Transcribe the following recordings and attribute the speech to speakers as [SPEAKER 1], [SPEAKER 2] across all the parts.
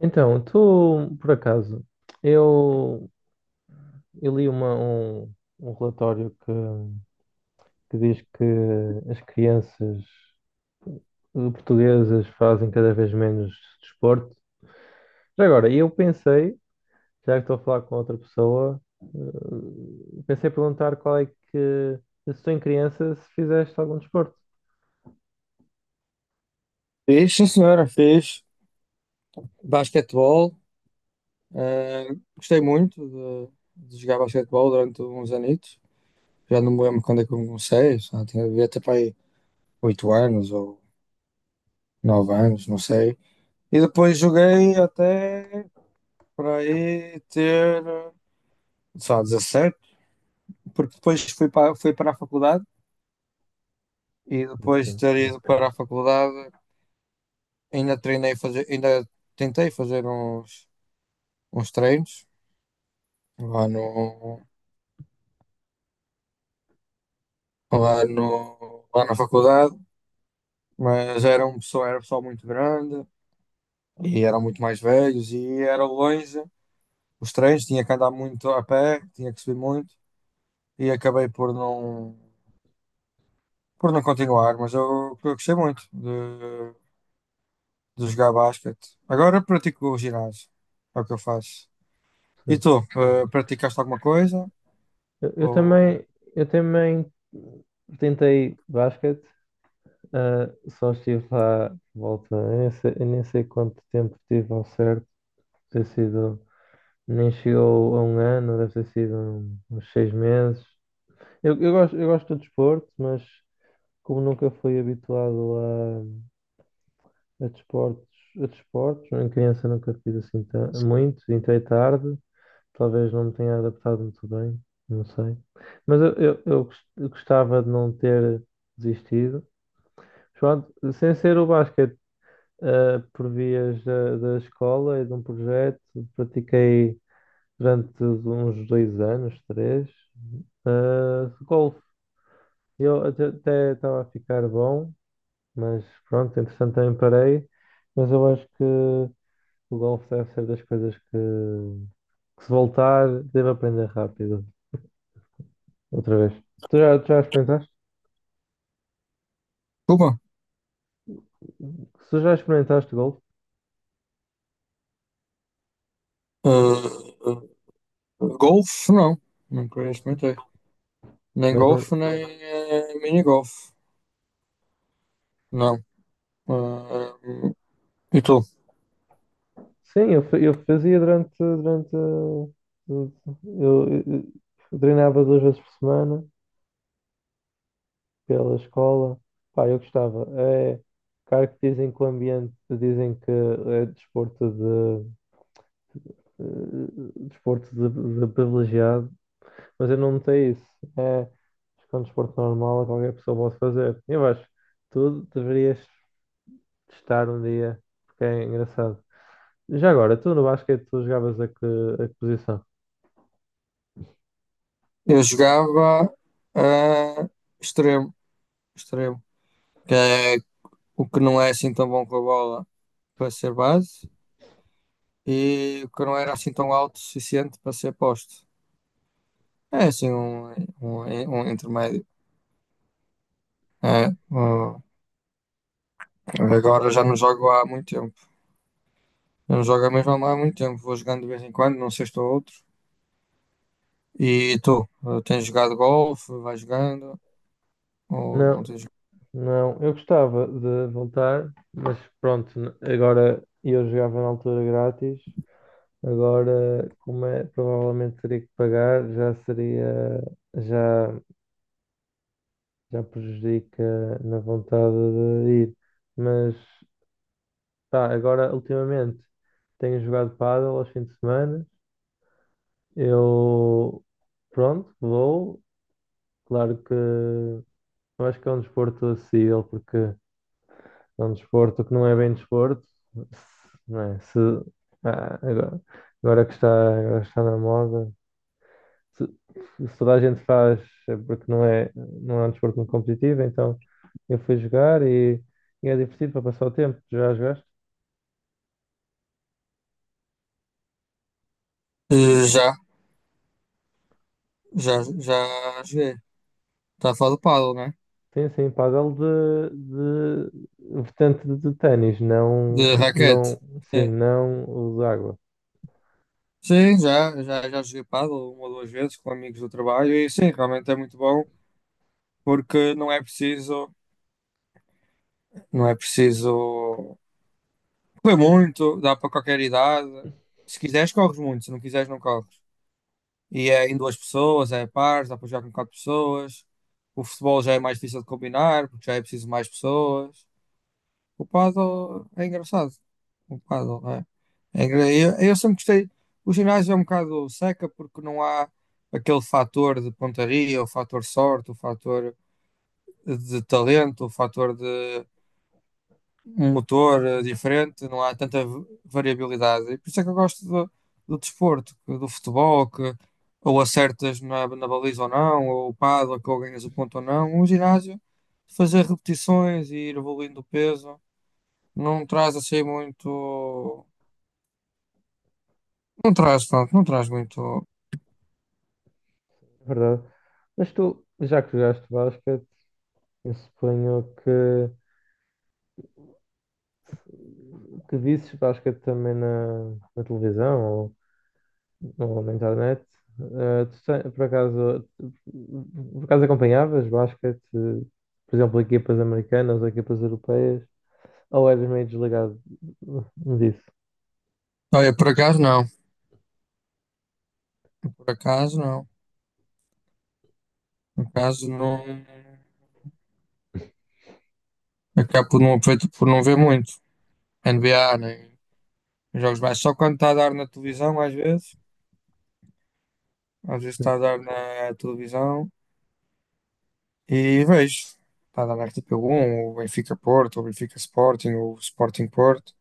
[SPEAKER 1] Então, tu, por acaso, eu, eu li um relatório que diz que as crianças portuguesas fazem cada vez menos desporto. Já agora, eu pensei, já que estou a falar com outra pessoa, pensei em perguntar se tu em criança, se fizeste algum desporto.
[SPEAKER 2] Fez, sim senhora, fez basquetebol. eh, Gostei muito de jogar basquetebol durante uns anitos. Já não me lembro quando é que eu comecei, só tinha devia ter para aí 8 anos ou 9 anos, não sei. E depois joguei até para aí ter só 17 porque depois fui para a faculdade e depois de
[SPEAKER 1] Ok,
[SPEAKER 2] ter ido para a faculdade ainda tentei fazer uns treinos lá no, lá, no, lá na faculdade, mas era um pessoal muito grande e eram muito mais velhos e era longe. Os trens tinha que andar muito a pé, tinha que subir muito e acabei por não continuar, mas eu gostei muito de jogar basquete. Agora pratico o ginásio, é o que eu faço. E
[SPEAKER 1] sim.
[SPEAKER 2] tu, praticaste alguma coisa?
[SPEAKER 1] Eu, eu
[SPEAKER 2] Ou
[SPEAKER 1] também, eu também tentei basquete. Ah, só estive lá, por volta, eu nem sei quanto tempo tive ao certo, deve ter sido, nem chegou a um ano, deve ter sido uns seis meses. Eu gosto de desporto, mas como nunca fui habituado a, a desportos, a desportos, em criança nunca fiz assim muito, entrei tarde, talvez não me tenha adaptado muito bem, não sei. Mas eu gostava de não ter desistido. Pronto, sem ser o basquete. Por vias da escola e de um projeto. Pratiquei durante uns dois anos, três, golfe. Eu até estava a ficar bom, mas pronto, entretanto também parei. Mas eu acho que o golfe deve ser das coisas que se voltar, devo aprender rápido outra vez. Tu já experimentaste?
[SPEAKER 2] Cuba?
[SPEAKER 1] Se tu já experimentaste golfe,
[SPEAKER 2] Golfe? Não, nunca
[SPEAKER 1] golfe,
[SPEAKER 2] experimentei. Nem
[SPEAKER 1] mas não.
[SPEAKER 2] golfe, nem mini golfe. Não. Ah, e tu?
[SPEAKER 1] Sim, eu, eu fazia durante, eu, eu- eu treinava duas vezes por semana pela escola. Pá, eu gostava. É, claro que dizem que o ambiente, dizem que é desporto de privilegiado, mas eu não notei isso. É, acho que é um desporto normal, qualquer pessoa pode fazer. Eu acho que tu deverias testar um dia, porque é engraçado. Já agora, tu no basquete, tu jogavas a que, posição?
[SPEAKER 2] Eu jogava ah, extremo, extremo, que é o que não é assim tão bom com a bola para ser base e o que não era assim tão alto o suficiente para ser posto. É assim um, um intermédio. É, agora já não jogo há muito tempo. Eu não jogo mesmo há muito tempo. Vou jogando de vez em quando, num sexto ou outro. E tu? Tens jogado golfe? Vais jogando? Ou não
[SPEAKER 1] Não.
[SPEAKER 2] tens jogado?
[SPEAKER 1] Não, eu gostava de voltar, mas pronto, agora eu jogava na altura grátis, agora como é, provavelmente teria que pagar, já seria, já, já prejudica na vontade de ir. Mas pá, agora ultimamente tenho jogado pádel aos fins de semana. Eu pronto, vou, claro que eu acho que é um desporto acessível porque é um desporto que não é bem desporto, não é? Se, ah, agora que está, agora está na moda, se, se, toda a gente faz é porque não é um desporto muito competitivo, então eu fui jogar e é divertido para passar o tempo. Já jogaste?
[SPEAKER 2] Já, já, já joguei. Está a falar do paddle, né?
[SPEAKER 1] Sim, sim, pádel de vertente de ténis, não,
[SPEAKER 2] De raquete.
[SPEAKER 1] não, sim,
[SPEAKER 2] É.
[SPEAKER 1] não o de água,
[SPEAKER 2] Sim, já, já, já joguei paddle uma ou duas vezes com amigos do trabalho e sim, realmente é muito bom porque não é preciso correr muito, dá para qualquer idade. Se quiseres, corres muito, se não quiseres, não corres. E é em duas pessoas, é pares, dá para jogar com quatro pessoas. O futebol já é mais difícil de combinar porque já é preciso mais pessoas. O paddle é engraçado. O paddle, não é? Eu sempre gostei. O ginásio é um bocado seca porque não há aquele fator de pontaria, o fator sorte, o fator de talento, o fator de um motor diferente, não há tanta variabilidade. E por isso é que eu gosto do desporto, do futebol, que ou acertas na baliza ou não, ou o paddle, é que ou ganhas o ponto ou não. O ginásio, fazer repetições e ir evoluindo o peso. Não traz assim muito. Não traz, pronto, não traz muito.
[SPEAKER 1] é verdade. Mas tu, já que jogaste basquete, eu suponho que o que visses basquete também na televisão ou na internet? Tu por acaso acompanhavas basquete, por exemplo, equipas americanas ou equipas europeias? Ou eras meio desligado disso?
[SPEAKER 2] Olha, por acaso não. Por acaso não. Por acaso não. Acabo por não ver muito. NBA, nem jogos mais. Só quando está a dar na televisão, às vezes. Às vezes está a dar na televisão e vejo. Está a dar na RTP1 ou Benfica Porto, ou Benfica Sporting, ou Sporting Porto.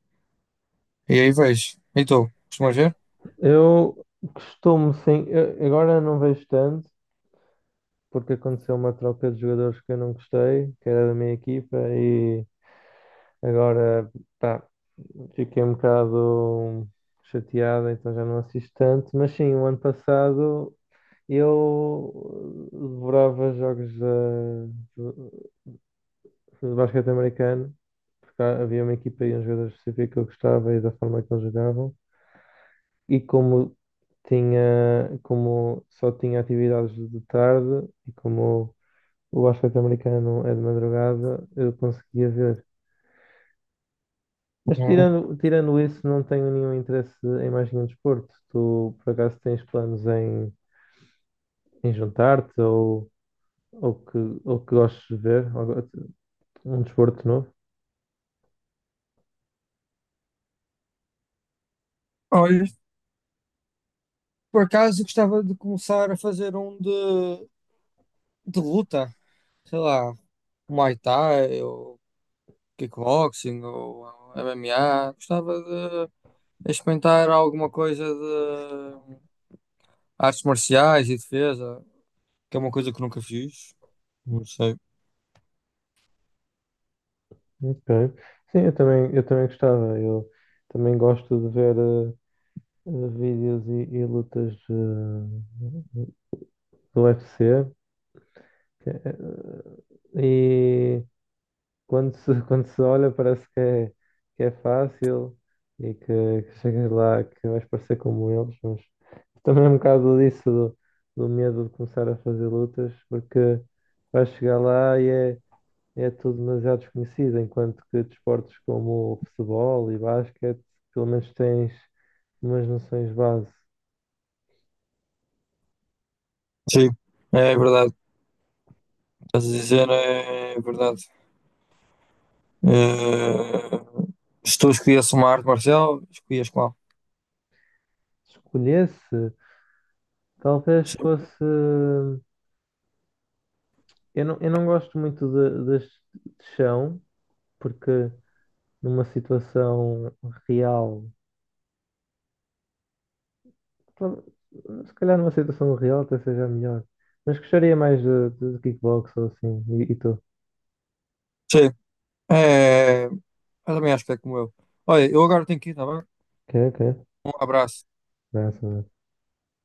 [SPEAKER 2] E aí vejo. E tu, costumas ver?
[SPEAKER 1] Eu costumo, sim, agora não vejo tanto, porque aconteceu uma troca de jogadores que eu não gostei, que era da minha equipa, e agora, pá, fiquei um bocado chateado, então já não assisto tanto, mas sim, o ano passado eu devorava jogos de basquete americano, porque havia uma equipa e um jogador específico que eu gostava e da forma que eles jogavam, e como tinha, como só tinha atividades de tarde e como o basquete americano é de madrugada, eu conseguia ver. Mas
[SPEAKER 2] Não.
[SPEAKER 1] tirando isso, não tenho nenhum interesse em mais nenhum desporto. Tu, por acaso, tens planos em, juntar-te ou, que, ou que gostes de ver? Ou um desporto novo?
[SPEAKER 2] Olha, por acaso eu gostava de começar a fazer um de luta. Sei lá, Muay Thai ou kickboxing ou MMA. Gostava de experimentar alguma coisa de artes marciais e defesa, que é uma coisa que nunca fiz. Não sei.
[SPEAKER 1] Ok. Sim, eu também gostava. Eu também gosto de ver vídeos e lutas do UFC. Que é, e quando se, quando se olha parece que é fácil e que chegas lá que vais parecer como eles, mas também é um bocado disso do medo de começar a fazer lutas, porque vais chegar lá e é, é tudo demasiado desconhecido, enquanto que desportos como o futebol e basquete, pelo menos tens umas noções base.
[SPEAKER 2] Sim, é verdade. Estás a dizer, é verdade. Se tu escolhias uma arte marcial, escolhias qual?
[SPEAKER 1] Se escolhesse, talvez
[SPEAKER 2] Sim.
[SPEAKER 1] fosse. Eu não gosto muito de, de chão, porque numa situação real, tal- se calhar numa situação real até seja melhor, mas gostaria mais de, kickbox ou assim, e tu?
[SPEAKER 2] Sim. É, eu também acho que é como eu. Olha, eu agora tenho que ir, tá bem?
[SPEAKER 1] Ok, ok,
[SPEAKER 2] Um abraço.
[SPEAKER 1] massa,